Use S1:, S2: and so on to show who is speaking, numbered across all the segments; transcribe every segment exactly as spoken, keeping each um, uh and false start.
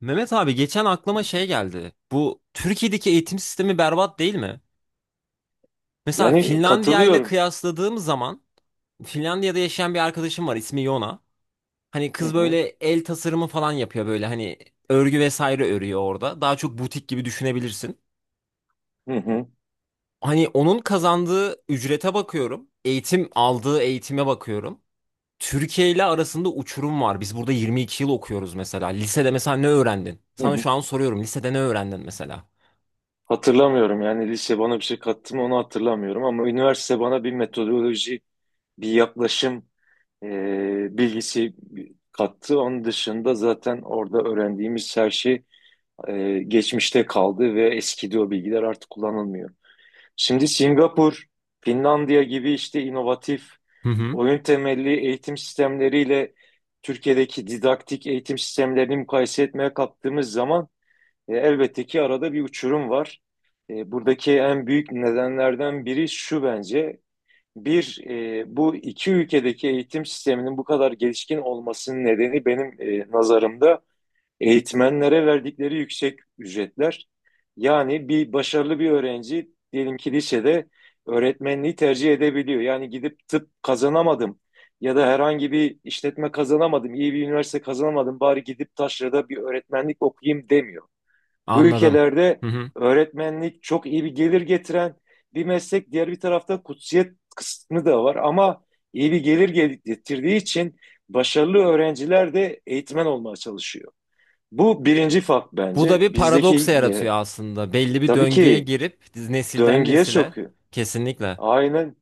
S1: Mehmet abi geçen aklıma şey geldi. Bu Türkiye'deki eğitim sistemi berbat değil mi? Mesela
S2: Yani
S1: Finlandiya ile
S2: katılıyorum.
S1: kıyasladığım zaman Finlandiya'da yaşayan bir arkadaşım var, ismi Yona. Hani
S2: Hı
S1: kız böyle
S2: hı,
S1: el tasarımı falan yapıyor, böyle hani örgü vesaire örüyor orada. Daha çok butik gibi düşünebilirsin.
S2: hı hı,
S1: Hani onun kazandığı ücrete bakıyorum. Eğitim aldığı eğitime bakıyorum. Türkiye ile arasında uçurum var. Biz burada yirmi iki yıl okuyoruz mesela. Lisede mesela ne öğrendin?
S2: hı
S1: Sana
S2: hı.
S1: şu an soruyorum. Lisede ne öğrendin mesela?
S2: Hatırlamıyorum yani lise bana bir şey kattı mı onu hatırlamıyorum ama üniversite bana bir metodoloji, bir yaklaşım e, bilgisi kattı. Onun dışında zaten orada öğrendiğimiz her şey e, geçmişte kaldı ve eskidi, o bilgiler artık kullanılmıyor. Şimdi Singapur, Finlandiya gibi işte inovatif
S1: Hı hı.
S2: oyun temelli eğitim sistemleriyle Türkiye'deki didaktik eğitim sistemlerini mukayese etmeye kalktığımız zaman E, elbette ki arada bir uçurum var. E, buradaki en büyük nedenlerden biri şu bence. Bir, e, bu iki ülkedeki eğitim sisteminin bu kadar gelişkin olmasının nedeni benim e, nazarımda eğitmenlere verdikleri yüksek ücretler. Yani bir başarılı bir öğrenci diyelim ki lisede öğretmenliği tercih edebiliyor. Yani gidip tıp kazanamadım ya da herhangi bir işletme kazanamadım, iyi bir üniversite kazanamadım, bari gidip taşrada bir öğretmenlik okuyayım demiyor. Bu
S1: Anladım.
S2: ülkelerde
S1: Hı hı.
S2: öğretmenlik çok iyi bir gelir getiren bir meslek. Diğer bir tarafta kutsiyet kısmı da var ama iyi bir gelir getirdiği için başarılı öğrenciler de eğitmen olmaya çalışıyor. Bu birinci fark
S1: Bu da
S2: bence.
S1: bir paradoks
S2: Bizdekiyle
S1: yaratıyor aslında. Belli bir
S2: tabii
S1: döngüye
S2: ki
S1: girip nesilden
S2: döngüye
S1: nesile.
S2: sokuyor.
S1: Kesinlikle.
S2: Aynen,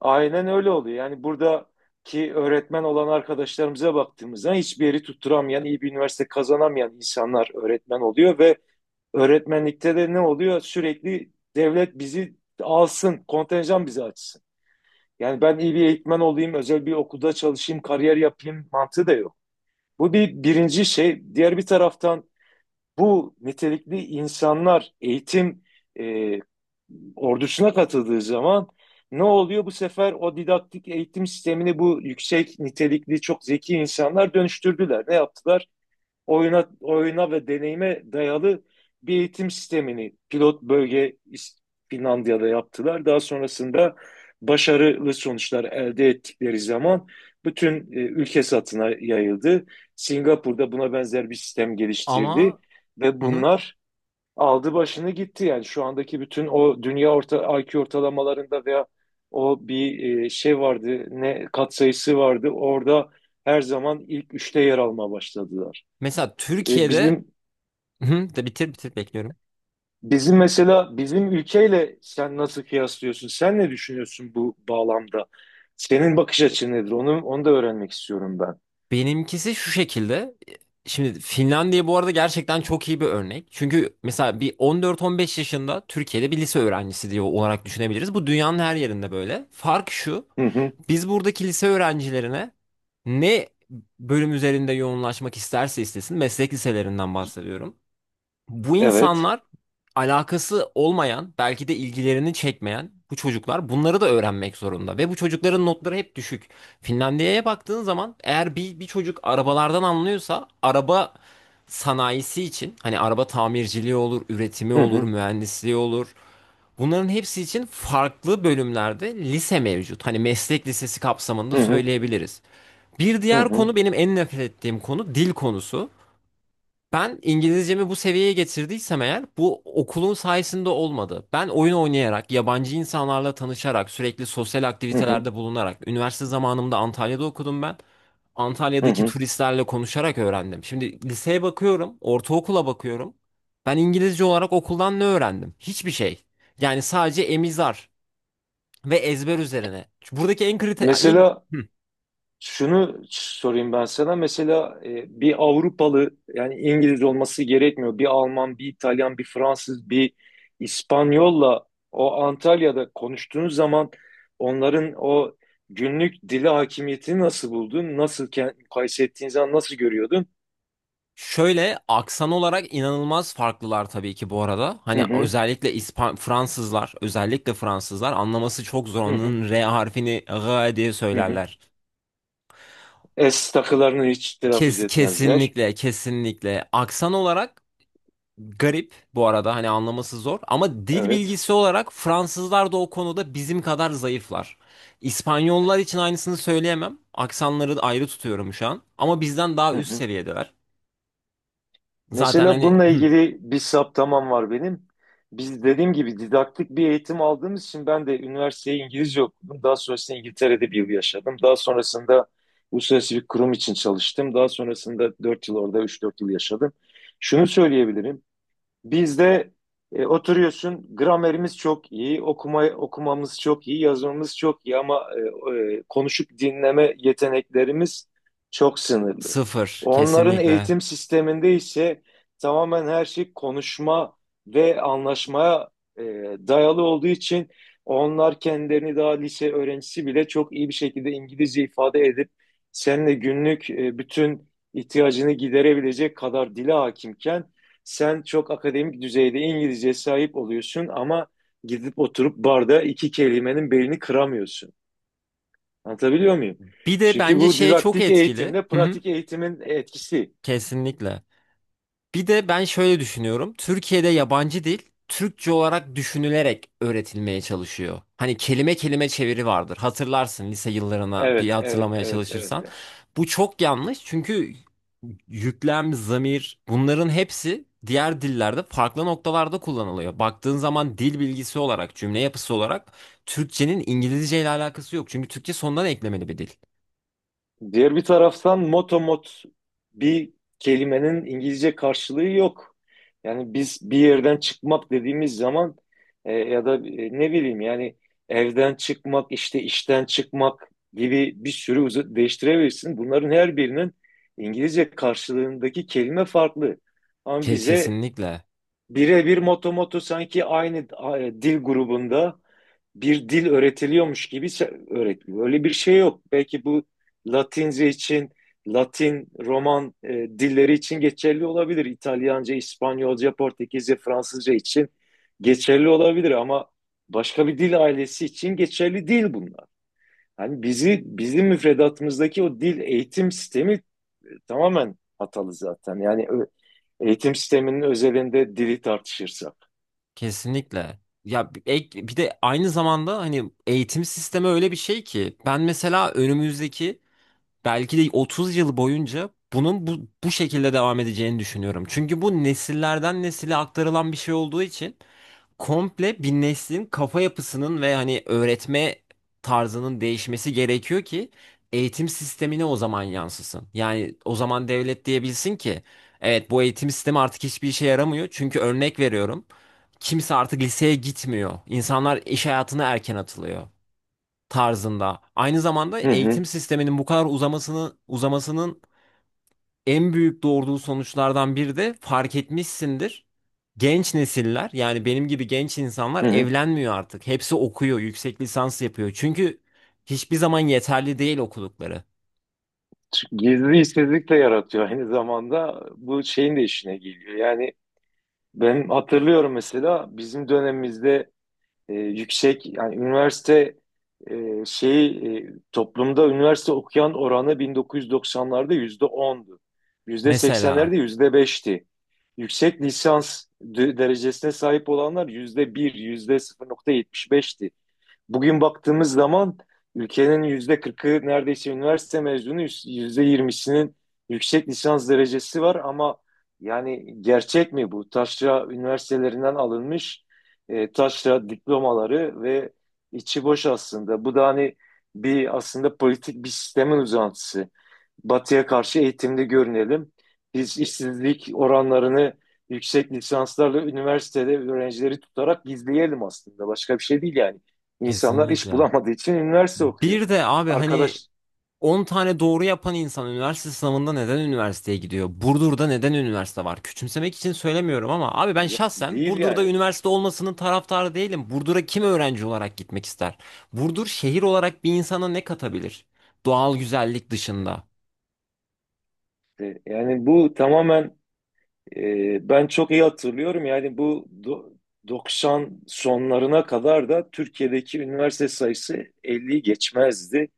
S2: aynen öyle oluyor. Yani buradaki öğretmen olan arkadaşlarımıza baktığımızda hiçbir yeri tutturamayan, iyi bir üniversite kazanamayan insanlar öğretmen oluyor ve öğretmenlikte de ne oluyor? Sürekli devlet bizi alsın, kontenjan bizi açsın. Yani ben iyi bir eğitmen olayım, özel bir okulda çalışayım, kariyer yapayım mantığı da yok. Bu bir birinci şey. Diğer bir taraftan bu nitelikli insanlar eğitim e, ordusuna katıldığı zaman ne oluyor? Bu sefer o didaktik eğitim sistemini bu yüksek nitelikli çok zeki insanlar dönüştürdüler. Ne yaptılar? Oyuna oyuna ve deneyime dayalı bir eğitim sistemini pilot bölge İs- Finlandiya'da yaptılar. Daha sonrasında başarılı sonuçlar elde ettikleri zaman bütün e, ülke satına yayıldı. Singapur'da buna benzer bir sistem geliştirdi
S1: Ama
S2: ve
S1: hı hı.
S2: bunlar aldı başını gitti. Yani şu andaki bütün o dünya orta I Q ortalamalarında veya o bir e, şey vardı, ne katsayısı vardı. Orada her zaman ilk üçte yer almaya başladılar.
S1: Mesela
S2: E,
S1: Türkiye'de.
S2: bizim
S1: Hı, de bitir bitir bekliyorum.
S2: bizim mesela bizim ülkeyle sen nasıl kıyaslıyorsun? Sen ne düşünüyorsun bu bağlamda? Senin bakış açın nedir? Onu onu da öğrenmek istiyorum ben.
S1: Benimkisi şu şekilde. Şimdi Finlandiya bu arada gerçekten çok iyi bir örnek. Çünkü mesela bir on dört on beş yaşında Türkiye'de bir lise öğrencisi diye olarak düşünebiliriz. Bu dünyanın her yerinde böyle. Fark şu.
S2: Hı hı.
S1: Biz buradaki lise öğrencilerine ne bölüm üzerinde yoğunlaşmak isterse istesin, meslek liselerinden bahsediyorum. Bu
S2: Evet.
S1: insanlar alakası olmayan, belki de ilgilerini çekmeyen bu çocuklar bunları da öğrenmek zorunda. Ve bu çocukların notları hep düşük. Finlandiya'ya baktığın zaman, eğer bir, bir çocuk arabalardan anlıyorsa, araba sanayisi için hani araba tamirciliği olur, üretimi
S2: Hı
S1: olur,
S2: hı.
S1: mühendisliği olur. Bunların hepsi için farklı bölümlerde lise mevcut. Hani meslek lisesi
S2: Hı
S1: kapsamında
S2: hı.
S1: söyleyebiliriz. Bir
S2: Hı
S1: diğer
S2: hı.
S1: konu, benim en nefret ettiğim konu, dil konusu. Ben İngilizcemi bu seviyeye getirdiysem eğer, bu okulun sayesinde olmadı. Ben oyun oynayarak, yabancı insanlarla tanışarak, sürekli sosyal
S2: Hı hı.
S1: aktivitelerde bulunarak, üniversite zamanımda Antalya'da okudum ben.
S2: Hı
S1: Antalya'daki
S2: hı.
S1: turistlerle konuşarak öğrendim. Şimdi liseye bakıyorum, ortaokula bakıyorum. Ben İngilizce olarak okuldan ne öğrendim? Hiçbir şey. Yani sadece emizar ve ezber üzerine. Buradaki en kritik...
S2: Mesela şunu sorayım ben sana. Mesela e, bir Avrupalı yani İngiliz olması gerekmiyor. Bir Alman, bir İtalyan, bir Fransız, bir İspanyolla o Antalya'da konuştuğun zaman onların o günlük dili hakimiyetini nasıl buldun? Nasıl ke- mukayese ettiğin zaman nasıl görüyordun?
S1: Şöyle, aksan olarak inanılmaz farklılar tabii ki bu arada.
S2: Hı
S1: Hani
S2: hı,
S1: özellikle İspan Fransızlar, özellikle Fransızlar, anlaması çok zor.
S2: hı hı,
S1: Onun R harfini G diye
S2: hı hı.
S1: söylerler.
S2: Es takılarını hiç telaffuz
S1: Kes,
S2: etmezler.
S1: kesinlikle, kesinlikle. Aksan olarak garip bu arada, hani anlaması zor. Ama dil
S2: Evet.
S1: bilgisi olarak Fransızlar da o konuda bizim kadar zayıflar. İspanyollar için aynısını söyleyemem. Aksanları da ayrı tutuyorum şu an. Ama bizden daha
S2: Hı
S1: üst
S2: hı.
S1: seviyedeler. Zaten
S2: Mesela
S1: hani
S2: bununla
S1: hı,
S2: ilgili bir saptamam var benim. Biz dediğim gibi didaktik bir eğitim aldığımız için ben de üniversiteyi İngilizce okudum. Daha sonrasında İngiltere'de bir yıl yaşadım. Daha sonrasında uluslararası bir kurum için çalıştım. Daha sonrasında dört yıl orada üç dört yıl yaşadım. Şunu söyleyebilirim. Bizde e, oturuyorsun, gramerimiz çok iyi, okuma okumamız çok iyi, yazmamız çok iyi ama e, e, konuşup dinleme yeteneklerimiz çok sınırlı.
S1: sıfır
S2: Onların
S1: kesinlikle.
S2: eğitim sisteminde ise tamamen her şey konuşma ve anlaşmaya e, dayalı olduğu için onlar kendilerini daha lise öğrencisi bile çok iyi bir şekilde İngilizce ifade edip seninle günlük e, bütün ihtiyacını giderebilecek kadar dile hakimken sen çok akademik düzeyde İngilizceye sahip oluyorsun ama gidip oturup barda iki kelimenin belini kıramıyorsun. Anlatabiliyor muyum?
S1: Bir de
S2: Çünkü
S1: bence
S2: bu
S1: şey çok
S2: didaktik
S1: etkili.
S2: eğitimle
S1: Hı hı.
S2: pratik eğitimin etkisi.
S1: Kesinlikle. Bir de ben şöyle düşünüyorum. Türkiye'de yabancı dil Türkçe olarak düşünülerek öğretilmeye çalışıyor. Hani kelime kelime çeviri vardır. Hatırlarsın lise yıllarına bir
S2: Evet, evet,
S1: hatırlamaya
S2: evet, evet.
S1: çalışırsan. Bu çok yanlış, çünkü yüklem, zamir, bunların hepsi diğer dillerde farklı noktalarda kullanılıyor. Baktığın zaman dil bilgisi olarak, cümle yapısı olarak Türkçenin İngilizce ile alakası yok. Çünkü Türkçe sondan eklemeli bir dil.
S2: Diğer bir taraftan motomot bir kelimenin İngilizce karşılığı yok. Yani biz bir yerden çıkmak dediğimiz zaman, e, ya da e, ne bileyim yani evden çıkmak, işte işten çıkmak gibi bir sürü uz- değiştirebilirsin. Bunların her birinin İngilizce karşılığındaki kelime farklı. Ama
S1: Ke-
S2: bize
S1: Kesinlikle.
S2: birebir motomotu sanki aynı a, e, dil grubunda bir dil öğretiliyormuş gibi öğretiliyor. Öyle bir şey yok. Belki bu Latince için, Latin, Roman e, dilleri için geçerli olabilir. İtalyanca, İspanyolca, Portekizce, Fransızca için geçerli olabilir ama başka bir dil ailesi için geçerli değil bunlar. Yani bizi bizim müfredatımızdaki o dil eğitim sistemi tamamen hatalı zaten. Yani eğitim sisteminin özelinde dili tartışırsak.
S1: Kesinlikle. Ya bir- ek, bir de aynı zamanda hani eğitim sistemi öyle bir şey ki, ben mesela önümüzdeki belki de otuz yıl boyunca bunun bu, bu şekilde devam edeceğini düşünüyorum. Çünkü bu nesillerden nesile aktarılan bir şey olduğu için komple bir neslin kafa yapısının ve hani öğretme tarzının değişmesi gerekiyor ki eğitim sistemine o zaman yansısın. Yani o zaman devlet diyebilsin ki evet, bu eğitim sistemi artık hiçbir işe yaramıyor. Çünkü örnek veriyorum, kimse artık liseye gitmiyor. İnsanlar iş hayatına erken atılıyor tarzında. Aynı zamanda
S2: Hı hı,
S1: eğitim sisteminin bu kadar uzamasını, uzamasının en büyük doğurduğu sonuçlardan biri de fark etmişsindir. Genç nesiller, yani benim gibi genç insanlar
S2: hı hı.
S1: evlenmiyor artık. Hepsi okuyor, yüksek lisans yapıyor. Çünkü hiçbir zaman yeterli değil okudukları.
S2: Çünkü gizli işsizlik de yaratıyor, aynı zamanda bu şeyin de işine geliyor. Yani ben hatırlıyorum mesela bizim dönemimizde e, yüksek yani üniversite e, şeyi e, toplumda üniversite okuyan oranı bin dokuz yüz doksanlarda yüzde ondu. Yüzde seksenlerde
S1: Mesela
S2: yüzde beşti. Yüksek lisans de- derecesine sahip olanlar yüzde bir, yüzde sıfır nokta yetmiş beşti. Bugün baktığımız zaman ülkenin yüzde kırkı neredeyse üniversite mezunu, yüzde yirmisinin yüksek lisans derecesi var ama yani gerçek mi bu? Taşra üniversitelerinden alınmış e, taşra diplomaları ve içi boş aslında. Bu da hani bir aslında politik bir sistemin uzantısı. Batı'ya karşı eğitimli görünelim. Biz işsizlik oranlarını yüksek lisanslarla üniversitede öğrencileri tutarak gizleyelim aslında. Başka bir şey değil yani. İnsanlar iş
S1: kesinlikle.
S2: bulamadığı için üniversite okuyor.
S1: Bir de abi hani
S2: Arkadaş
S1: on tane doğru yapan insan üniversite sınavında neden üniversiteye gidiyor? Burdur'da neden üniversite var? Küçümsemek için söylemiyorum ama abi, ben
S2: yok
S1: şahsen
S2: değil
S1: Burdur'da
S2: yani.
S1: üniversite olmasının taraftarı değilim. Burdur'a kim öğrenci olarak gitmek ister? Burdur şehir olarak bir insana ne katabilir? Doğal güzellik dışında.
S2: E, Yani bu tamamen e, ben çok iyi hatırlıyorum. Yani bu do- doksan sonlarına kadar da Türkiye'deki üniversite sayısı elliyi geçmezdi.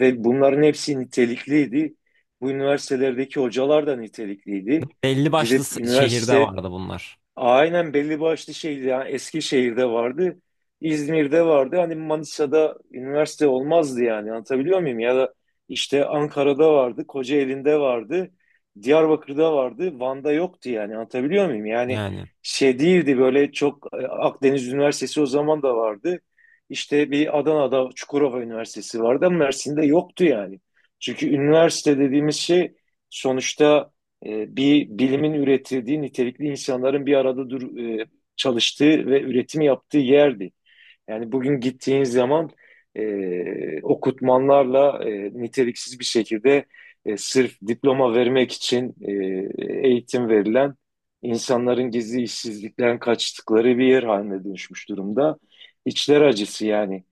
S2: Ve bunların hepsi nitelikliydi. Bu üniversitelerdeki hocalar da nitelikliydi.
S1: Belli başlı
S2: Gidip
S1: s- şehirde
S2: üniversite
S1: vardı bunlar.
S2: Aynen belli başlı şeydi. Yani Eskişehir'de vardı, İzmir'de vardı. Hani Manisa'da üniversite olmazdı yani. Anlatabiliyor muyum? Ya da işte Ankara'da vardı, Kocaeli'nde vardı, Diyarbakır'da vardı, Van'da yoktu yani. Anlatabiliyor muyum? Yani
S1: Yani.
S2: şey değildi böyle çok, e, Akdeniz Üniversitesi o zaman da vardı. İşte bir Adana'da Çukurova Üniversitesi vardı ama Mersin'de yoktu yani. Çünkü üniversite dediğimiz şey sonuçta e, bir bilimin üretildiği, nitelikli insanların bir arada dur, e, çalıştığı ve üretimi yaptığı yerdi. Yani bugün gittiğiniz zaman e, okutmanlarla, e, niteliksiz bir şekilde, e, sırf diploma vermek için e, eğitim verilen insanların gizli işsizlikten kaçtıkları bir yer haline dönüşmüş durumda. İçler acısı yani.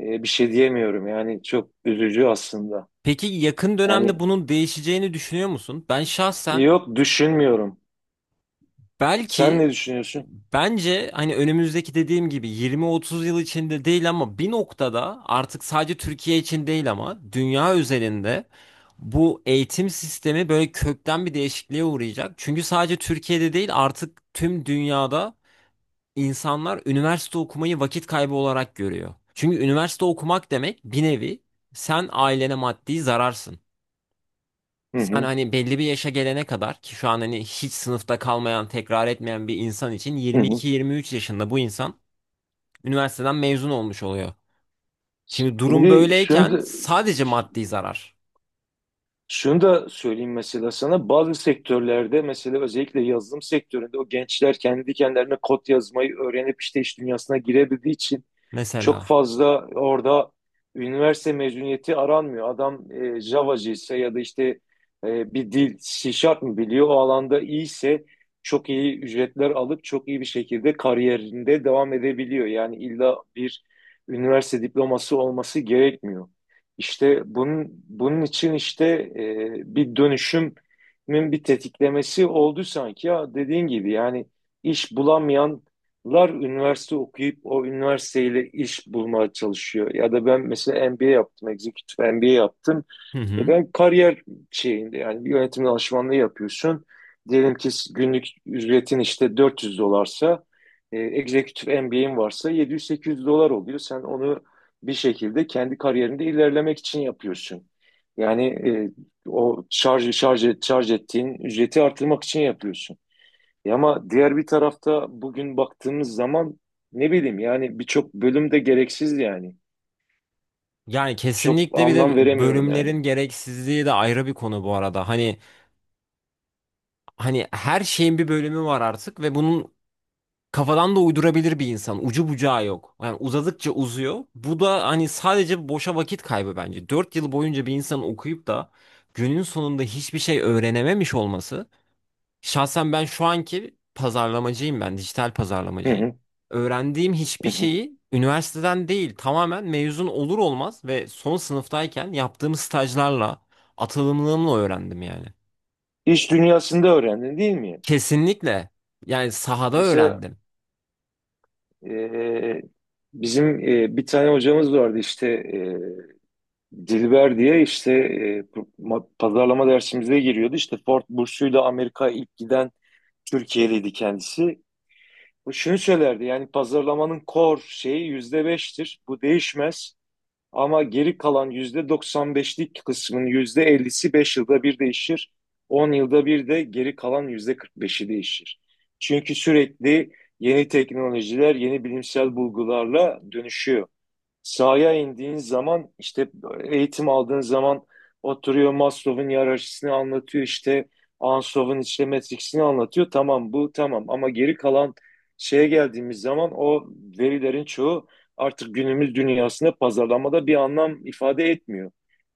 S2: E, bir şey diyemiyorum yani, çok üzücü aslında.
S1: Peki yakın dönemde
S2: Yani
S1: bunun değişeceğini düşünüyor musun? Ben şahsen
S2: yok, düşünmüyorum. Sen
S1: Belki
S2: ne düşünüyorsun?
S1: bence hani önümüzdeki, dediğim gibi, yirmi otuz yıl içinde değil ama bir noktada artık sadece Türkiye için değil ama dünya üzerinde bu eğitim sistemi böyle kökten bir değişikliğe uğrayacak. Çünkü sadece Türkiye'de değil, artık tüm dünyada insanlar üniversite okumayı vakit kaybı olarak görüyor. Çünkü üniversite okumak demek bir nevi sen ailene maddi zararsın.
S2: Hı
S1: Sen
S2: hı.
S1: hani belli bir yaşa gelene kadar, ki şu an hani hiç sınıfta kalmayan, tekrar etmeyen bir insan için
S2: Hı hı.
S1: yirmi iki yirmi üç yaşında bu insan üniversiteden mezun olmuş oluyor. Şimdi durum
S2: Şimdi şunu
S1: böyleyken
S2: da-
S1: sadece maddi zarar
S2: Şunu da söyleyeyim mesela sana, bazı sektörlerde mesela özellikle yazılım sektöründe o gençler kendi kendilerine kod yazmayı öğrenip işte iş dünyasına girebildiği için çok
S1: mesela.
S2: fazla orada üniversite mezuniyeti aranmıyor. Adam e, Java'cı ise ya da işte e, bir dil C mı biliyor, o alanda iyiyse çok iyi ücretler alıp çok iyi bir şekilde kariyerinde devam edebiliyor. Yani illa bir üniversite diploması olması gerekmiyor. İşte bunun, bunun için işte e, bir dönüşümün bir tetiklemesi oldu sanki ya, dediğin gibi yani iş bulamayanlar üniversite okuyup o üniversiteyle iş bulmaya çalışıyor. Ya da ben mesela M B A yaptım, executive M B A yaptım.
S1: Hı
S2: E
S1: hı.
S2: ben kariyer şeyinde yani, bir yönetim danışmanlığı yapıyorsun. Diyelim ki günlük ücretin işte dört yüz dolarsa, e, executive M B A'in varsa yedi yüz sekiz yüz dolar oluyor. Sen onu bir şekilde kendi kariyerinde ilerlemek için yapıyorsun. Yani e, o şarj şarj et- şarj ettiğin ücreti artırmak için yapıyorsun. E ama diğer bir tarafta bugün baktığımız zaman ne bileyim yani, birçok bölüm de gereksiz yani.
S1: Yani
S2: Çok
S1: kesinlikle. Bir de
S2: anlam veremiyorum yani.
S1: bölümlerin gereksizliği de ayrı bir konu bu arada. Hani hani her şeyin bir bölümü var artık ve bunun kafadan da uydurabilir bir insan. Ucu bucağı yok. Yani uzadıkça uzuyor. Bu da hani sadece boşa vakit kaybı bence. Dört yıl boyunca bir insanın okuyup da günün sonunda hiçbir şey öğrenememiş olması. Şahsen ben şu anki pazarlamacıyım ben, dijital
S2: Hı
S1: pazarlamacıyım.
S2: hı,
S1: Öğrendiğim
S2: hı
S1: hiçbir
S2: hı.
S1: şeyi üniversiteden değil, tamamen mezun olur olmaz ve son sınıftayken yaptığım stajlarla, atılımlığımla öğrendim yani.
S2: İş dünyasında öğrendin değil mi?
S1: Kesinlikle. Yani sahada
S2: Mesela
S1: öğrendim.
S2: e, bizim e, bir tane hocamız vardı işte, e, Dilber diye, işte e, ma- pazarlama dersimize giriyordu. İşte Ford bursuyla Amerika ilk giden Türkiye'liydi kendisi. O şunu söylerdi: yani pazarlamanın core şeyi yüzde beştir. Bu değişmez. Ama geri kalan yüzde doksan beşlik kısmın yüzde ellisi beş yılda bir değişir. On yılda bir de geri kalan yüzde kırk beşi değişir. Çünkü sürekli yeni teknolojiler, yeni bilimsel bulgularla dönüşüyor. Sahaya indiğin zaman, işte eğitim aldığın zaman oturuyor Maslow'un hiyerarşisini anlatıyor, işte Ansov'un işte matrixini anlatıyor. Tamam, bu tamam, ama geri kalan şeye geldiğimiz zaman o verilerin çoğu artık günümüz dünyasında pazarlamada bir anlam ifade etmiyor.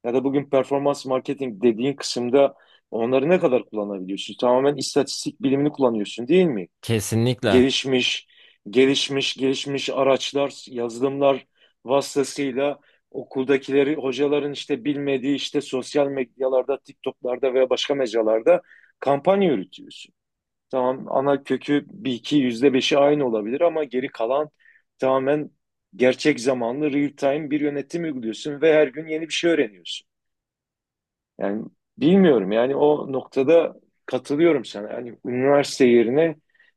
S2: Ya da bugün performans marketing dediğin kısımda onları ne kadar kullanabiliyorsun? Tamamen istatistik bilimini kullanıyorsun değil mi?
S1: Kesinlikle.
S2: gelişmiş, gelişmiş, Gelişmiş araçlar, yazılımlar vasıtasıyla okuldakileri, hocaların işte bilmediği işte sosyal medyalarda, TikTok'larda veya başka mecralarda kampanya yürütüyorsun. Tamam, ana kökü bir iki yüzde beşi aynı olabilir ama geri kalan tamamen gerçek zamanlı real time bir yönetim uyguluyorsun ve her gün yeni bir şey öğreniyorsun. Yani bilmiyorum yani, o noktada katılıyorum sana. Yani üniversite yerine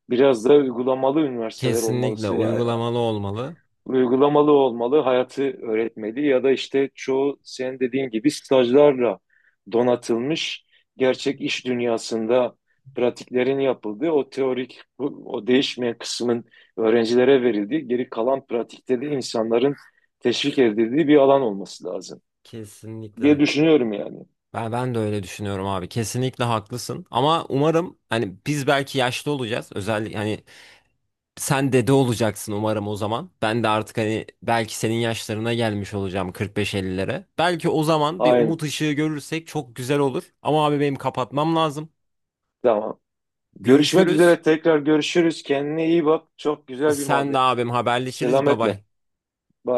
S2: biraz daha uygulamalı üniversiteler olmalı.
S1: Kesinlikle
S2: Yani
S1: uygulamalı olmalı.
S2: uygulamalı olmalı, hayatı öğretmeli ya da işte çoğu senin dediğin gibi stajlarla donatılmış gerçek iş dünyasında pratiklerin yapıldığı o teorik, bu- o değişmeyen kısmın öğrencilere verildiği, geri kalan pratikte de insanların teşvik edildiği bir alan olması lazım diye
S1: Kesinlikle.
S2: düşünüyorum yani.
S1: Ben, ben de öyle düşünüyorum abi. Kesinlikle haklısın. Ama umarım hani biz belki yaşlı olacağız. Özellikle hani sen dede olacaksın umarım o zaman. Ben de artık hani belki senin yaşlarına gelmiş olacağım, kırk beş elliye. Belki o zaman bir
S2: Aynen.
S1: umut ışığı görürsek çok güzel olur. Ama abi benim kapatmam lazım.
S2: Tamam. Görüşmek
S1: Görüşürüz.
S2: üzere, tekrar görüşürüz. Kendine iyi bak. Çok güzel bir
S1: Sen de
S2: muhabbet.
S1: abim, haberleşiriz. Bye
S2: Selametle.
S1: bye.
S2: Bye.